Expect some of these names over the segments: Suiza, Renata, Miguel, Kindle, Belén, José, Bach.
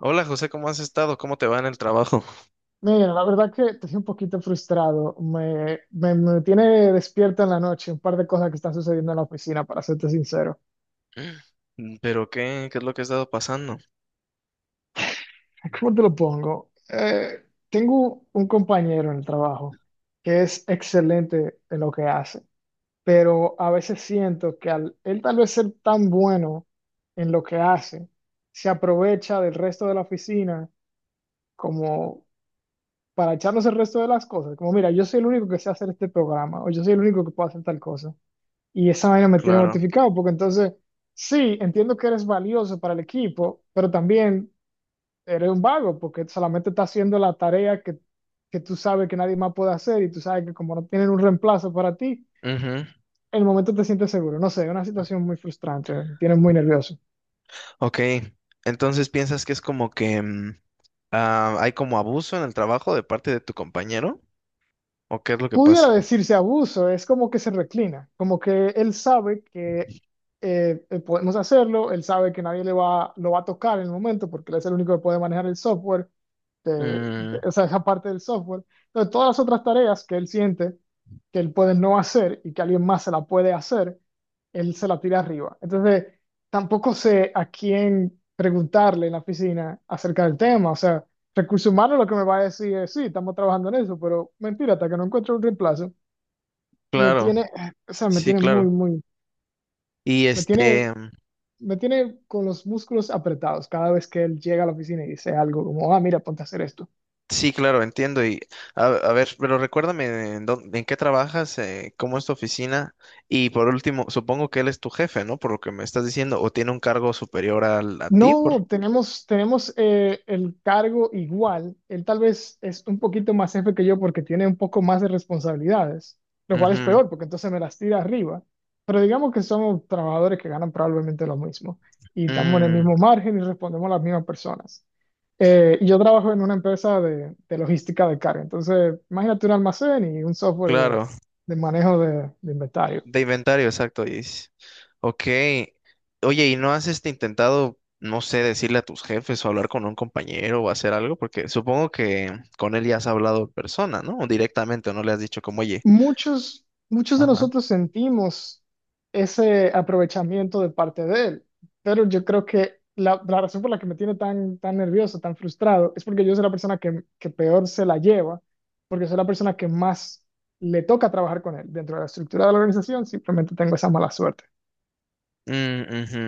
Hola José, ¿cómo has estado? ¿Cómo te va en el trabajo? Mira, la verdad que estoy un poquito frustrado. Me tiene despierto en la noche un par de cosas que están sucediendo en la oficina, para serte sincero. Mm, ¿pero qué? ¿Qué es lo que ha estado pasando? ¿Cómo te lo pongo? Tengo un compañero en el trabajo que es excelente en lo que hace, pero a veces siento que al él tal vez ser tan bueno en lo que hace, se aprovecha del resto de la oficina como para echarnos el resto de las cosas. Como, mira, yo soy el único que sé hacer este programa, o yo soy el único que puedo hacer tal cosa. Y esa vaina me tiene Claro. mortificado, porque entonces, sí, entiendo que eres valioso para el equipo, pero también eres un vago, porque solamente estás haciendo la tarea que tú sabes que nadie más puede hacer, y tú sabes que como no tienen un reemplazo para ti, Ujú. en el momento te sientes seguro. No sé, es una situación muy frustrante, me tiene muy nervioso. Ok, entonces piensas que es como que hay como abuso en el trabajo de parte de tu compañero, ¿o qué es lo que Pudiera pasa? decirse abuso, es como que se reclina, como que él sabe que podemos hacerlo, él sabe que nadie le va, lo va a tocar en el momento porque él es el único que puede manejar el software, Mm, o sea, esa parte del software. Entonces, todas las otras tareas que él siente que él puede no hacer y que alguien más se la puede hacer, él se la tira arriba. Entonces, tampoco sé a quién preguntarle en la oficina acerca del tema, o sea, Recursos humanos lo que me va a decir es, sí, estamos trabajando en eso, pero mentira, hasta que no encuentre un reemplazo, me claro, tiene, o sea, me sí, tiene muy, claro. muy, Y me tiene, me tiene con los músculos apretados cada vez que él llega a la oficina y dice algo como, ah, mira, ponte a hacer esto. sí, claro, entiendo. Y a ver, pero recuérdame en qué trabajas, cómo es tu oficina. Y por último, supongo que él es tu jefe, ¿no? Por lo que me estás diciendo, o tiene un cargo superior a ti, por... No, tenemos el cargo igual. Él tal vez es un poquito más jefe que yo porque tiene un poco más de responsabilidades, lo cual es Ujú. peor porque entonces me las tira arriba. Pero digamos que somos trabajadores que ganan probablemente lo mismo y estamos en el Mm, mismo margen y respondemos a las mismas personas. Y yo trabajo en una empresa de logística de carga. Entonces, imagínate un almacén y un software claro, de manejo de inventario. de inventario, exacto. Ok. Oye, ¿y no has intentado, no sé, decirle a tus jefes o hablar con un compañero o hacer algo? Porque supongo que con él ya has hablado en persona, ¿no? O directamente, o no le has dicho como, oye. Muchos, muchos de Ajá. nosotros sentimos ese aprovechamiento de parte de él, pero yo creo que la razón por la que me tiene tan, tan nervioso, tan frustrado, es porque yo soy la persona que peor se la lleva, porque soy la persona que más le toca trabajar con él dentro de la estructura de la organización, simplemente tengo esa mala suerte. Mm, ujú.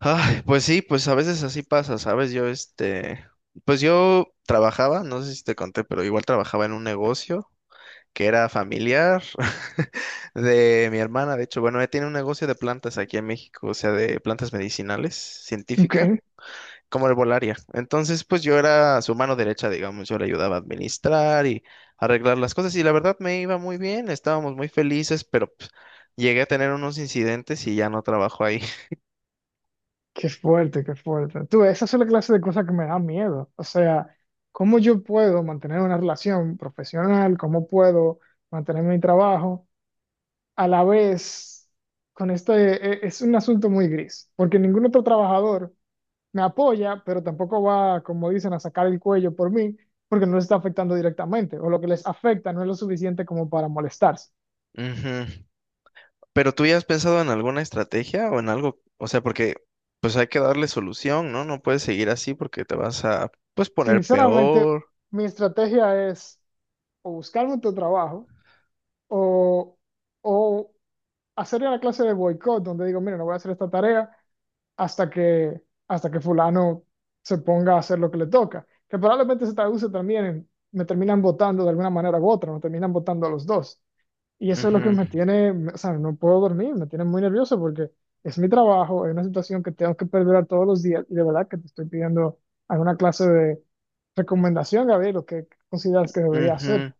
Ay, pues sí, pues a veces así pasa, ¿sabes? Pues yo trabajaba, no sé si te conté, pero igual trabajaba en un negocio que era familiar de mi hermana, de hecho, bueno, ella tiene un negocio de plantas aquí en México, o sea, de plantas medicinales, Ok, científica, como herbolaria. Entonces, pues yo era su mano derecha, digamos, yo le ayudaba a administrar y arreglar las cosas y la verdad me iba muy bien, estábamos muy felices, pero pues, llegué a tener unos incidentes y ya no trabajo ahí. qué fuerte, qué fuerte. Tú, esa es la clase de cosas que me da miedo. O sea, ¿cómo yo puedo mantener una relación profesional? ¿Cómo puedo mantener mi trabajo? A la vez, con esto es un asunto muy gris, porque ningún otro trabajador me apoya, pero tampoco va, como dicen, a sacar el cuello por mí, porque no les está afectando directamente, o lo que les afecta no es lo suficiente como para molestarse. Ujú. Pero tú ya has pensado en alguna estrategia o en algo, o sea, porque pues hay que darle solución, ¿no? No puedes seguir así porque te vas a pues poner Sinceramente, peor. mi estrategia es o buscarme otro trabajo o, o hacer una clase de boicot donde digo, mira, no voy a hacer esta tarea hasta que, hasta que fulano se ponga a hacer lo que le toca, que probablemente se traduce también en, me terminan votando de alguna manera u otra, me terminan votando a los dos. Y eso es lo que Ujú, me tiene, o sea, no puedo dormir, me tiene muy nervioso porque es mi trabajo, es una situación que tengo que perdurar todos los días y de verdad que te estoy pidiendo alguna clase de recomendación, Gabriel, lo que consideras que debería hacer. ujú.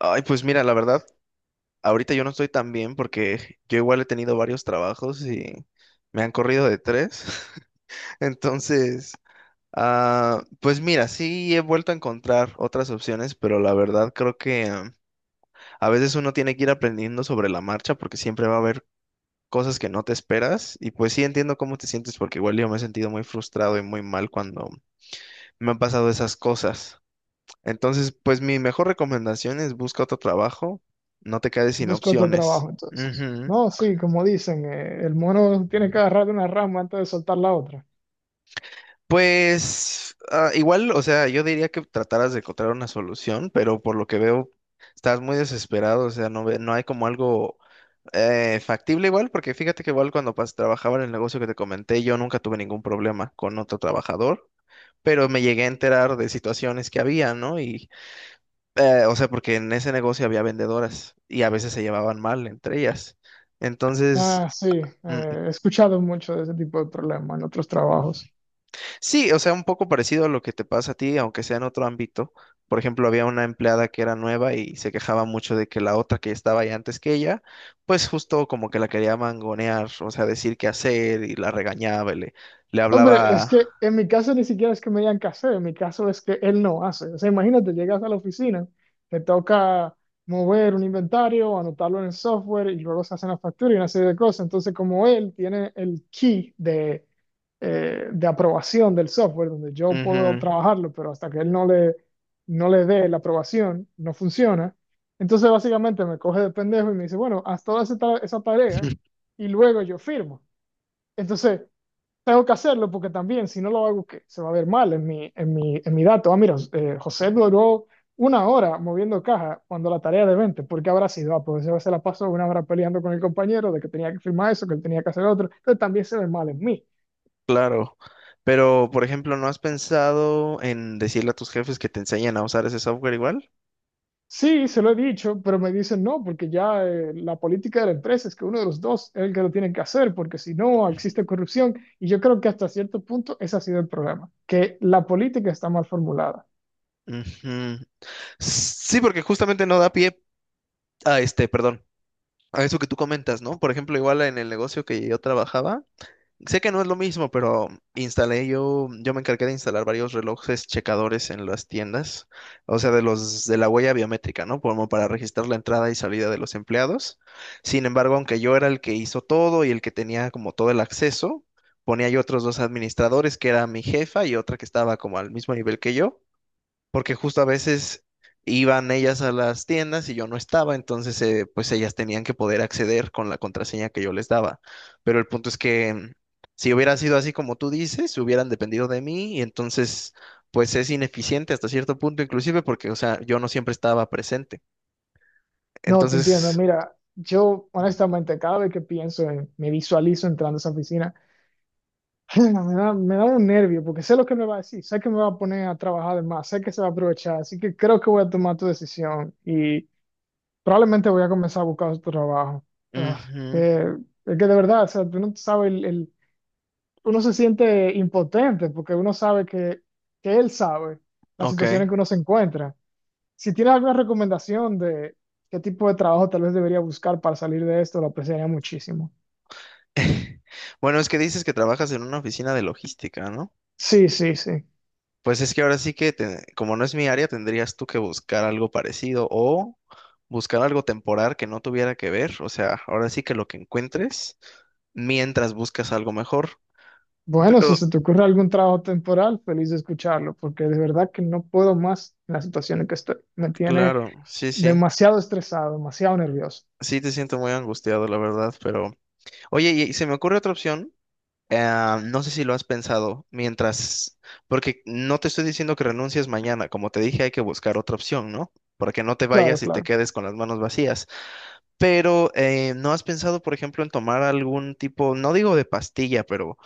Ay, pues mira, la verdad, ahorita yo no estoy tan bien porque yo igual he tenido varios trabajos y me han corrido de tres. Entonces, pues mira, sí he vuelto a encontrar otras opciones, pero la verdad creo que a veces uno tiene que ir aprendiendo sobre la marcha porque siempre va a haber cosas que no te esperas y pues sí entiendo cómo te sientes porque igual yo me he sentido muy frustrado y muy mal cuando me han pasado esas cosas. Entonces, pues mi mejor recomendación es busca otro trabajo, no te quedes sin Busco otro opciones. trabajo entonces. Ujú. No, sí, como dicen, el mono tiene que agarrar de una rama antes de soltar la otra. Pues igual, o sea, yo diría que trataras de encontrar una solución, pero por lo que veo, estás muy desesperado, o sea, no hay como algo factible igual, porque fíjate que igual trabajaba en el negocio que te comenté, yo nunca tuve ningún problema con otro trabajador. Pero me llegué a enterar de situaciones que había, ¿no? O sea, porque en ese negocio había vendedoras y a veces se llevaban mal entre ellas. Entonces, Ah, sí, mm, he escuchado mucho de ese tipo de problemas en otros trabajos. sí, o sea, un poco parecido a lo que te pasa a ti, aunque sea en otro ámbito. Por ejemplo, había una empleada que era nueva y se quejaba mucho de que la otra que estaba ahí antes que ella, pues justo como que la quería mangonear, o sea, decir qué hacer y la regañaba le Hombre, es hablaba... que en mi caso ni siquiera es que me digan qué hacer, en mi caso es que él no hace. O sea, imagínate, llegas a la oficina, te toca mover un inventario, anotarlo en el software y luego se hacen las facturas y una serie de cosas. Entonces, como él tiene el key de aprobación del software, donde yo puedo Ujú. trabajarlo, pero hasta que él no le, no le dé la aprobación, no funciona. Entonces, básicamente me coge de pendejo y me dice, bueno, haz toda esa tarea y luego yo firmo. Entonces tengo que hacerlo porque también, si no lo hago, ¿qué? Se va a ver mal en mi dato. Ah, mira, José duró una hora moviendo caja cuando la tarea de 20, ¿por qué habrá sido? Ah, pues yo se la pasó una hora peleando con el compañero de que tenía que firmar eso, que él tenía que hacer otro. Entonces también se ve mal en mí. Claro, pero por ejemplo, ¿no has pensado en decirle a tus jefes que te enseñen a usar ese software igual? Sí, se lo he dicho, pero me dicen no, porque ya la política de la empresa es que uno de los dos es el que lo tiene que hacer, porque si no existe corrupción. Y yo creo que hasta cierto punto ese ha sido el problema, que la política está mal formulada. Ujú. Sí, porque justamente no da pie a perdón, a eso que tú comentas, ¿no? Por ejemplo, igual en el negocio que yo trabajaba, sé que no es lo mismo, pero yo me encargué de instalar varios relojes checadores en las tiendas, o sea, de los de la huella biométrica, ¿no? Como para registrar la entrada y salida de los empleados. Sin embargo, aunque yo era el que hizo todo y el que tenía como todo el acceso, ponía yo otros dos administradores, que era mi jefa y otra que estaba como al mismo nivel que yo, porque justo a veces iban ellas a las tiendas y yo no estaba, entonces pues ellas tenían que poder acceder con la contraseña que yo les daba. Pero el punto es que mm, si hubiera sido así como tú dices, hubieran dependido de mí y entonces pues es ineficiente hasta cierto punto inclusive porque, o sea, yo no siempre estaba presente. No, te entiendo. Entonces, Mira, yo honestamente cada vez que me visualizo entrando a esa oficina, me da un nervio porque sé lo que me va a decir, sé que me va a poner a trabajar de más, sé que se va a aprovechar, así que creo que voy a tomar tu decisión y probablemente voy a comenzar a buscar otro trabajo. Ah, ujú, eh, es que de verdad, o sea, tú no sabes uno se siente impotente porque uno sabe que él sabe la situación en que ok. uno se encuentra. Si tienes alguna recomendación de qué tipo de trabajo tal vez debería buscar para salir de esto, lo apreciaría muchísimo. Bueno, es que dices que trabajas en una oficina de logística, ¿no? Sí, sí, sí. Pues es que ahora sí que, como no es mi área, tendrías tú que buscar algo parecido o buscar algo temporal que no tuviera que ver. O sea, ahora sí que lo que encuentres mientras buscas algo mejor. Bueno, Pero, si se te ocurre algún trabajo temporal, feliz de escucharlo, porque de verdad que no puedo más en la situación en que estoy. Me tiene claro, sí, sí. demasiado estresado, demasiado nervioso. Sí te siento muy angustiado, la verdad, pero... Oye, y se me ocurre otra opción. No sé si lo has pensado mientras... Porque no te estoy diciendo que renuncies mañana. Como te dije, hay que buscar otra opción, ¿no? Para que no te Claro, vayas y te claro. quedes con las manos vacías. Pero ¿no has pensado, por ejemplo, en tomar algún tipo, no digo de pastilla, pero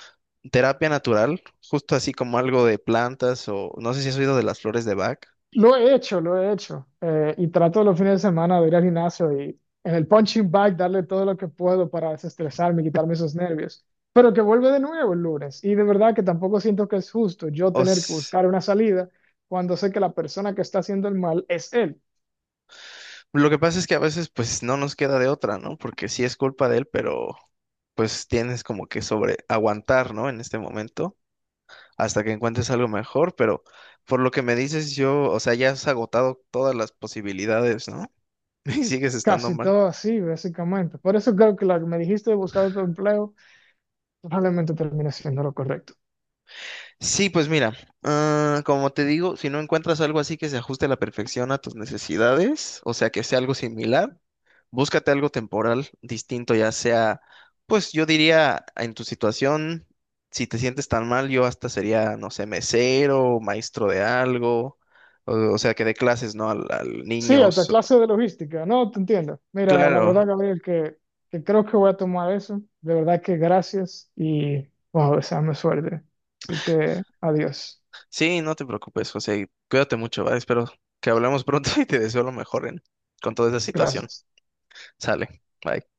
terapia natural, justo así como algo de plantas o no sé si has oído de las flores de Bach? Lo he hecho, lo he hecho. Y trato los fines de semana de ir al gimnasio y en el punching bag darle todo lo que puedo para desestresarme y quitarme esos nervios. Pero que vuelve de nuevo el lunes. Y de verdad que tampoco siento que es justo yo O tener que s- buscar una salida cuando sé que la persona que está haciendo el mal es él. lo que pasa es que a veces pues no nos queda de otra, ¿no? Porque sí es culpa de él, pero pues tienes como que sobre aguantar, ¿no? En este momento hasta que encuentres algo mejor, pero por lo que me dices yo, o sea, ya has agotado todas las posibilidades, ¿no? Y sigues estando Casi mal. todo así, básicamente. Por eso creo que lo que me dijiste de buscar otro empleo probablemente termine siendo lo correcto. Sí, pues mira, como te digo, si no encuentras algo así que se ajuste a la perfección a tus necesidades, o sea, que sea algo similar, búscate algo temporal distinto, ya sea, pues yo diría, en tu situación, si te sientes tan mal, yo hasta sería, no sé, mesero, maestro de algo, o sea, que dé clases, ¿no? Al Sí, hasta niños. clase de logística. No, te entiendo. Mira, la Claro, verdad, Gabriel, que creo que voy a tomar eso. De verdad que gracias y wow, deseame suerte. Así que adiós. sí, no te preocupes, José, y cuídate mucho, ¿vale? Espero que hablemos pronto y te deseo lo mejor en, con toda esa situación. Gracias. Sale, bye.